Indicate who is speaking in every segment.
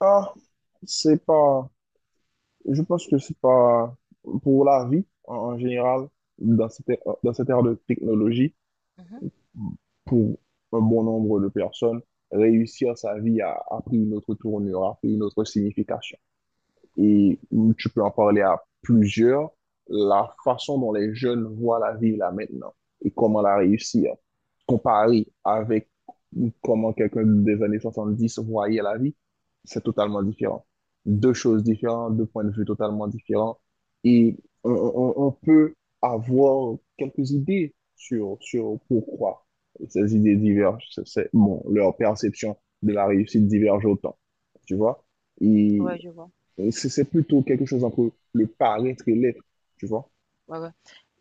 Speaker 1: Ah, c'est pas. Je pense que c'est pas pour la vie en général, dans dans cette ère de technologie,
Speaker 2: Mhm.
Speaker 1: pour un bon nombre de personnes, réussir sa vie a pris une autre tournure, a pris une autre signification. Et tu peux en parler à plusieurs, la façon dont les jeunes voient la vie là maintenant et comment la réussir comparé avec comment quelqu'un des années 70 voyait la vie, c'est totalement différent. Deux choses différentes, deux points de vue totalement différents. Et on peut avoir quelques idées sur pourquoi ces idées divergent. Bon, leur perception de la réussite diverge autant. Tu vois? Et,
Speaker 2: Ouais, je vois.
Speaker 1: et c'est plutôt quelque chose entre le paraître et l'être. Tu vois?
Speaker 2: Ouais, ouais.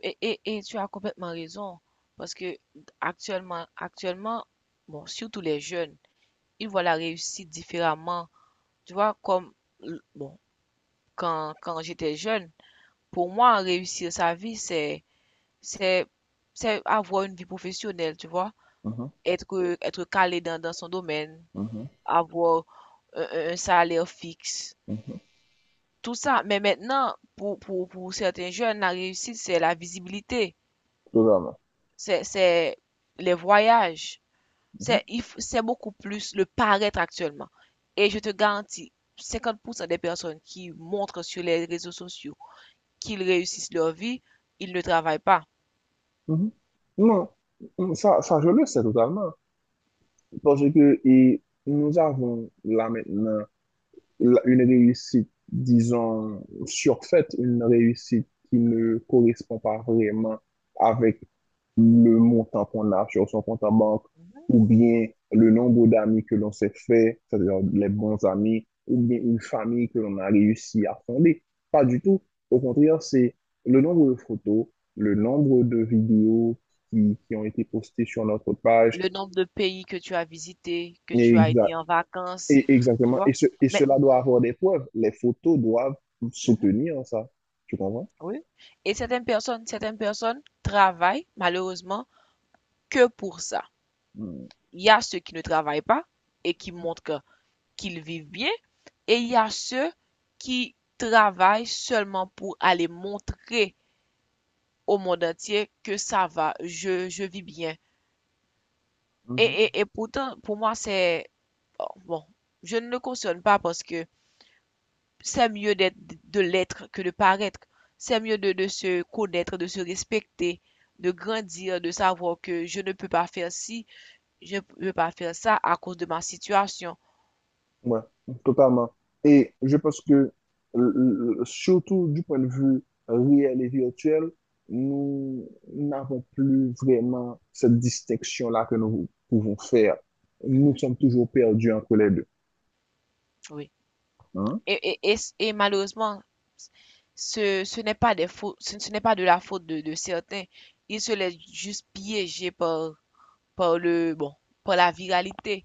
Speaker 2: Et tu as complètement raison, parce que actuellement, bon, surtout les jeunes, ils voient la réussite différemment. Tu vois, comme, bon, quand j'étais jeune, pour moi, réussir sa vie, c'est, c'est avoir une vie professionnelle, tu vois,
Speaker 1: Mhm,
Speaker 2: être calé dans son domaine,
Speaker 1: mhm,
Speaker 2: avoir un salaire fixe,
Speaker 1: mhm.
Speaker 2: tout ça. Mais maintenant, pour certains jeunes, la réussite, c'est la visibilité.
Speaker 1: Totalement.
Speaker 2: C'est les voyages,
Speaker 1: Mhm,
Speaker 2: c'est beaucoup plus le paraître actuellement. Et je te garantis, 50% des personnes qui montrent sur les réseaux sociaux qu'ils réussissent leur vie, ils ne travaillent pas.
Speaker 1: mhm. Non, ça, je le sais totalement. Parce que et nous avons là maintenant une réussite, disons, surfaite, une réussite qui ne correspond pas vraiment avec le montant qu'on a sur son compte en banque,
Speaker 2: Mhm.
Speaker 1: ou bien le nombre d'amis que l'on s'est fait, c'est-à-dire les bons amis, ou bien une famille que l'on a réussi à fonder. Pas du tout. Au contraire, c'est le nombre de photos, le nombre de vidéos qui ont été postées sur notre page,
Speaker 2: Le nombre de pays que tu as visités, que tu
Speaker 1: et
Speaker 2: as
Speaker 1: exa-
Speaker 2: été en vacances,
Speaker 1: et,
Speaker 2: tu
Speaker 1: exactement.
Speaker 2: vois.
Speaker 1: Et
Speaker 2: Mais,
Speaker 1: cela doit avoir des preuves. Les photos doivent
Speaker 2: mhm,
Speaker 1: soutenir ça. Tu comprends?
Speaker 2: oui. Et certaines personnes travaillent malheureusement que pour ça.
Speaker 1: Mhm.
Speaker 2: Il y a ceux qui ne travaillent pas et qui montrent qu'ils vivent bien, et il y a ceux qui travaillent seulement pour aller montrer au monde entier que ça va, je vis bien. Et,
Speaker 1: Mhm.
Speaker 2: et, et pourtant, pour moi, c'est... oh, Bon, je ne le cautionne pas parce que c'est mieux d'être, de l'être que de paraître. C'est mieux de se connaître, de se respecter, de grandir, de savoir que je ne peux pas faire ci, je ne peux pas faire ça à cause de ma situation.
Speaker 1: Ouais, totalement. Et je pense que, surtout du point de vue réel et virtuel, nous n'avons plus vraiment cette distinction-là que nous pouvons faire. Nous
Speaker 2: Hmm,
Speaker 1: sommes toujours perdus entre les deux.
Speaker 2: oui.
Speaker 1: Hein?
Speaker 2: Et malheureusement, ce n'est pas des fautes, ce n'est pas de la faute de certains. Ils se laissent juste piéger par, par le, bon, par la viralité.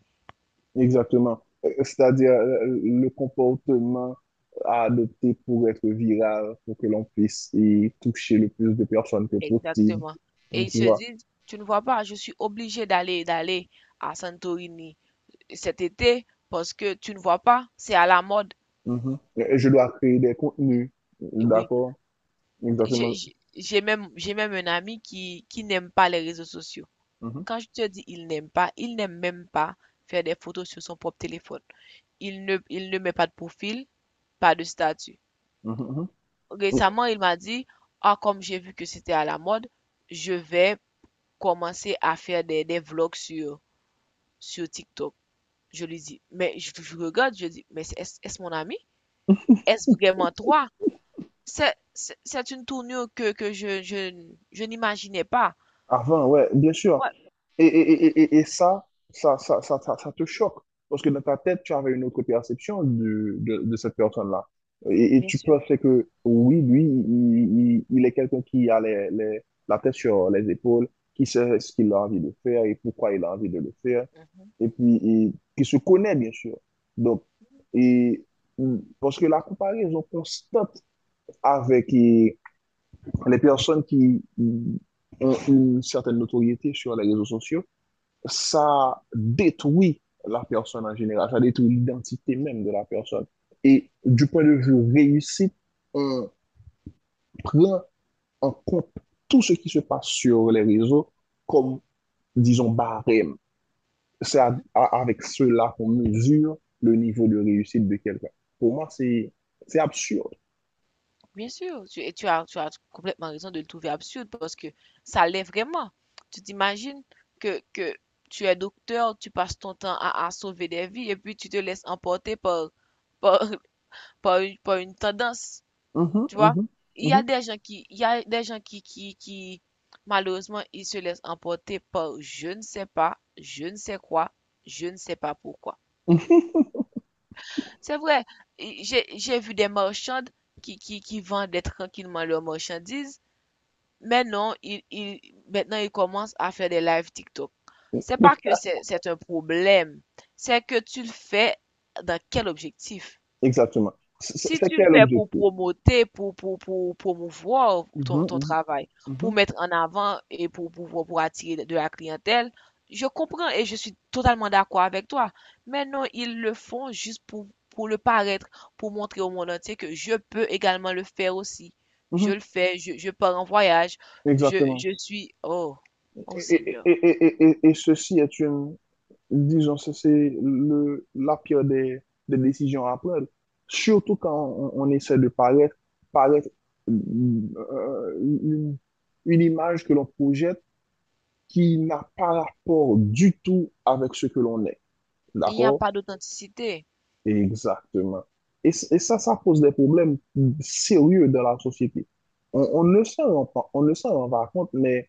Speaker 1: Exactement. C'est-à-dire le comportement à adopter pour être viral, pour que l'on puisse y toucher le plus de personnes que possible.
Speaker 2: Exactement. Et
Speaker 1: Donc,
Speaker 2: ils
Speaker 1: tu
Speaker 2: se
Speaker 1: vois.
Speaker 2: disent, tu ne vois pas, je suis obligé d'aller à Santorini cet été parce que tu ne vois pas, c'est à la mode.
Speaker 1: Mhm. Je dois créer des contenus.
Speaker 2: Oui.
Speaker 1: D'accord? Exactement.
Speaker 2: J'ai même un ami qui n'aime pas les réseaux sociaux.
Speaker 1: Mhm.
Speaker 2: Quand je te dis il n'aime pas, il n'aime même pas faire des photos sur son propre téléphone. Il ne met pas de profil, pas de statut.
Speaker 1: Mhm, mhm.
Speaker 2: Récemment, il m'a dit, ah, comme j'ai vu que c'était à la mode, je vais commencer à faire des vlogs sur, sur TikTok. Je lui dis, je regarde, je dis, mais est-ce mon ami? Est-ce vraiment toi? C'est une tournure que je n'imaginais pas.
Speaker 1: Avant, ouais, bien sûr.
Speaker 2: Ouais,
Speaker 1: Et ça, ça, ça, ça, ça, ça te choque. Parce que dans ta tête, tu avais une autre perception de cette personne-là. Et
Speaker 2: bien
Speaker 1: tu
Speaker 2: sûr.
Speaker 1: pensais que, oui, lui, il est quelqu'un qui a la tête sur les épaules, qui sait ce qu'il a envie de faire et pourquoi il a envie de le faire, et puis et qui se connaît, bien sûr. Donc, et, parce que la comparaison constante avec les personnes qui ont une certaine notoriété sur les réseaux sociaux, ça détruit la personne en général, ça détruit l'identité même de la personne. Et du point de vue réussite, on prend en compte tout ce qui se passe sur les réseaux comme, disons, barème. Avec cela qu'on mesure le niveau de réussite de quelqu'un. Pour moi, c'est absurde.
Speaker 2: Bien sûr, et tu as complètement raison de le trouver absurde parce que ça l'est vraiment. Tu t'imagines que tu es docteur, tu passes ton temps à sauver des vies et puis tu te laisses emporter par, par une tendance,
Speaker 1: Mhm,
Speaker 2: tu vois.
Speaker 1: mhm, mhm,
Speaker 2: Il y a des gens qui, malheureusement, ils se laissent emporter par je ne sais pas, je ne sais quoi, je ne sais pas pourquoi.
Speaker 1: mhm.
Speaker 2: C'est vrai, j'ai vu des marchandes qui vendaient tranquillement leurs marchandises. Maintenant, il, il, maintenant, il commence à faire des lives TikTok. C'est pas que c'est un problème, c'est que tu le fais dans quel objectif?
Speaker 1: Exactement. C'est
Speaker 2: Si
Speaker 1: c'est-
Speaker 2: tu le
Speaker 1: quel
Speaker 2: fais pour
Speaker 1: objectif?
Speaker 2: promoter, pour promouvoir ton
Speaker 1: Mhm,
Speaker 2: travail, pour
Speaker 1: mhm,
Speaker 2: mettre en avant et pour attirer de la clientèle, je comprends et je suis totalement d'accord avec toi. Mais non, ils le font juste pour le paraître, pour montrer au monde entier que je peux également le faire aussi.
Speaker 1: mhm,
Speaker 2: Je
Speaker 1: mhm.
Speaker 2: le fais, je pars en voyage,
Speaker 1: Exactement.
Speaker 2: je suis... Oh,
Speaker 1: Et,
Speaker 2: oh
Speaker 1: et,
Speaker 2: Seigneur.
Speaker 1: et, et, et et ceci est une, disons, ça, c'est la pire des décisions à prendre. Surtout quand on essaie de paraître, paraître euh, une, une image que l'on projette qui n'a pas rapport du tout avec ce que l'on est.
Speaker 2: Il n'y a
Speaker 1: D'accord?
Speaker 2: pas d'authenticité.
Speaker 1: Exactement. Et ça, ça pose des problèmes sérieux dans la société. On ne s'en rend pas compte, mais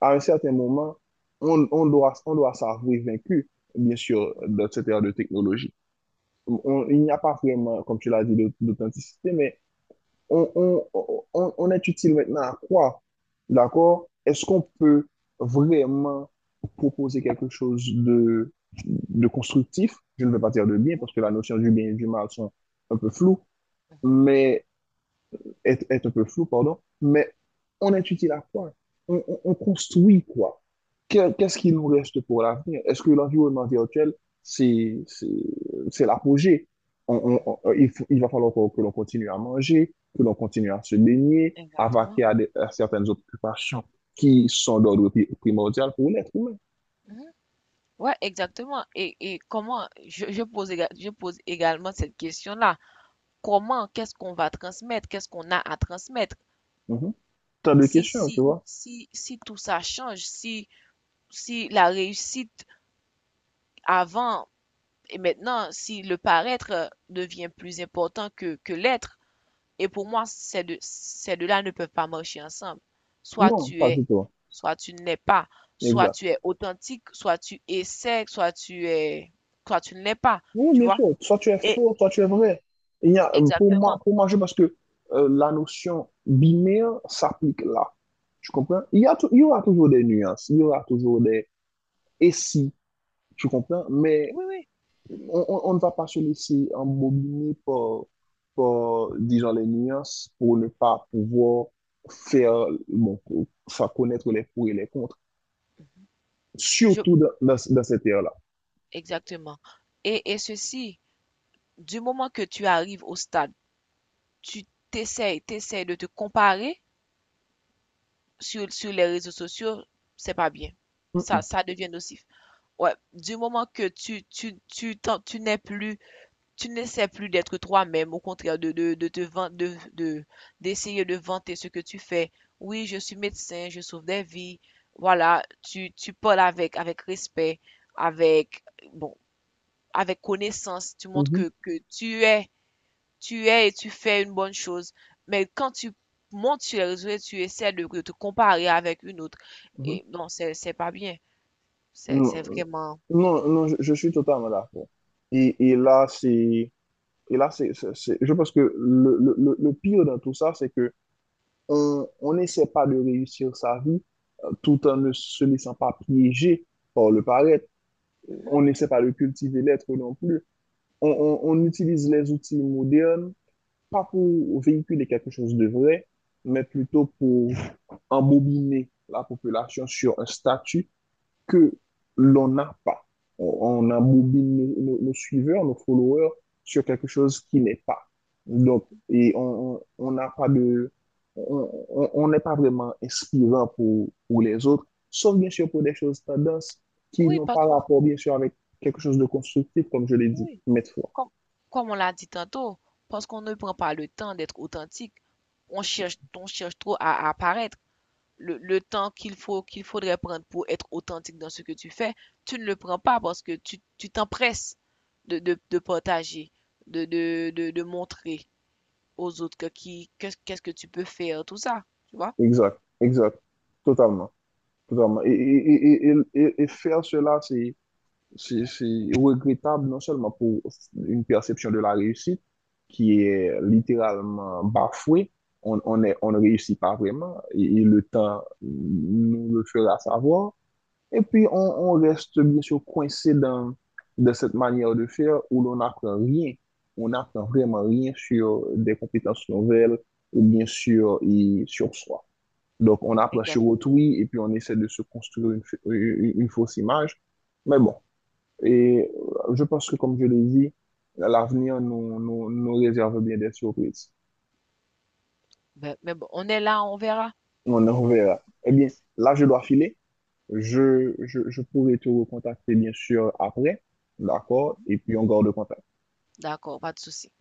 Speaker 1: à un certain moment, on doit s'avouer vaincu, bien sûr,
Speaker 2: Mhm,
Speaker 1: dans cette ère de technologie. Il n'y a pas vraiment, comme tu l'as dit, d'authenticité, mais on est utile maintenant à quoi? D'accord? Est-ce qu'on peut vraiment proposer quelque chose de constructif? Je ne veux pas dire de bien
Speaker 2: mhm,
Speaker 1: parce que la notion du bien et du mal sont un peu floues,
Speaker 2: mhm,
Speaker 1: mais est un peu flou, pardon, mais on est utile à quoi? On construit quoi? Qu'est-ce qui nous reste pour l'avenir? Est-ce que l'environnement virtuel, c'est, c'est, c'est l'apogée?
Speaker 2: mhm,
Speaker 1: Il va falloir que l'on continue à manger, que l'on continue à se baigner, à vaquer
Speaker 2: exactement.
Speaker 1: à certaines occupations qui sont d'ordre primordial pour l'être humain.
Speaker 2: Mhm. Ouais, exactement. Et comment, je pose, je pose également cette question-là. Comment, qu'est-ce qu'on va transmettre? Qu'est-ce qu'on a à transmettre?
Speaker 1: Mhm. T'as deux questions, tu vois?
Speaker 2: Si tout ça change, si, si la réussite avant et maintenant, si le paraître devient plus important que l'être, et pour moi, ces deux-là ne peuvent pas marcher ensemble. Soit
Speaker 1: Non,
Speaker 2: tu
Speaker 1: pas
Speaker 2: es,
Speaker 1: du tout.
Speaker 2: soit tu n'es pas. Soit
Speaker 1: Exact.
Speaker 2: tu es authentique, soit tu essaies, soit tu es, soit tu ne l'es pas.
Speaker 1: Oui,
Speaker 2: Tu
Speaker 1: bien
Speaker 2: vois?
Speaker 1: sûr. Soit tu es
Speaker 2: Et,
Speaker 1: faux, soit tu es vrai. Il y a, pour moi,
Speaker 2: exactement.
Speaker 1: je pense que la notion binaire s'applique là. Tu comprends? Il y aura toujours des nuances, il y aura toujours des et si, tu comprends? Mais
Speaker 2: Oui, oui,
Speaker 1: on ne va pas se laisser embobiner par, par, disons, les nuances pour ne pas pouvoir faire, bon, pour faire connaître les pour et les contre,
Speaker 2: je,
Speaker 1: surtout dans, dans cette ère-là.
Speaker 2: exactement. Et ceci, du moment que tu arrives au stade, tu t'essayes de te comparer sur, sur les réseaux sociaux, c'est pas bien.
Speaker 1: Mhm,
Speaker 2: Ça devient nocif. Ouais, du moment que tu n'es plus, tu n'essaies plus d'être toi-même, au contraire de te de, d'essayer de vanter ce que tu fais. Oui, je suis médecin, je sauve des vies. Voilà, tu parles avec, avec respect, avec, bon, avec connaissance, tu montres
Speaker 1: mhm,
Speaker 2: que tu es et tu fais une bonne chose. Mais quand tu montes sur les réseaux et tu essaies de te comparer avec une autre,
Speaker 1: mhm.
Speaker 2: et non, c'est pas bien.
Speaker 1: Non,
Speaker 2: C'est
Speaker 1: euh,
Speaker 2: vraiment.
Speaker 1: non, non, je suis totalement d'accord. Et là, et là, je pense que le pire dans tout ça, c'est que on n'essaie pas de réussir sa vie tout en ne se laissant pas piéger par le paraître. On
Speaker 2: Mhm,
Speaker 1: n'essaie pas de cultiver l'être non plus. On on utilise les outils modernes, pas pour véhiculer quelque chose de vrai, mais plutôt pour embobiner la population sur un statut que l'on n'a pas. On
Speaker 2: mhm.
Speaker 1: embobine nos, nos suiveurs, nos followers sur quelque chose qui n'est pas. Donc, on n'a pas de... on n'est pas vraiment inspirant pour les autres, sauf bien sûr pour des choses tendances qui
Speaker 2: Oui,
Speaker 1: n'ont
Speaker 2: parce
Speaker 1: pas
Speaker 2: qu'on,
Speaker 1: rapport, bien sûr, avec quelque chose de constructif, comme je l'ai dit
Speaker 2: oui,
Speaker 1: maintes fois.
Speaker 2: comme, comme on l'a dit tantôt, parce qu'on ne prend pas le temps d'être authentique, on cherche trop à apparaître. Le temps qu'il faut, qu'il faudrait prendre pour être authentique dans ce que tu fais, tu ne le prends pas parce que tu t'empresses de partager, de montrer aux autres qu'est-ce que tu peux faire, tout ça, tu vois?
Speaker 1: Exact, exact, totalement, totalement. Et faire cela, c'est regrettable non seulement pour une perception de la réussite qui est littéralement bafouée, on ne réussit pas vraiment et le temps nous le fera savoir. Et puis, on reste bien sûr coincé dans, dans cette manière de faire où l'on n'apprend rien. On n'apprend vraiment rien sur des compétences nouvelles ou bien sûr et sur soi. Donc, on
Speaker 2: Mhm,
Speaker 1: approche sur
Speaker 2: exactement.
Speaker 1: autrui et puis on essaie de se construire une, une fausse image. Mais bon, et je pense que, comme je l'ai dit, l'avenir nous réserve bien des surprises.
Speaker 2: Ben, mais bon, on est là, on verra.
Speaker 1: On en verra. Eh bien, là, je dois filer. Je pourrai te recontacter, bien sûr, après. D'accord? Et puis, on garde contact.
Speaker 2: D'accord, pas de souci.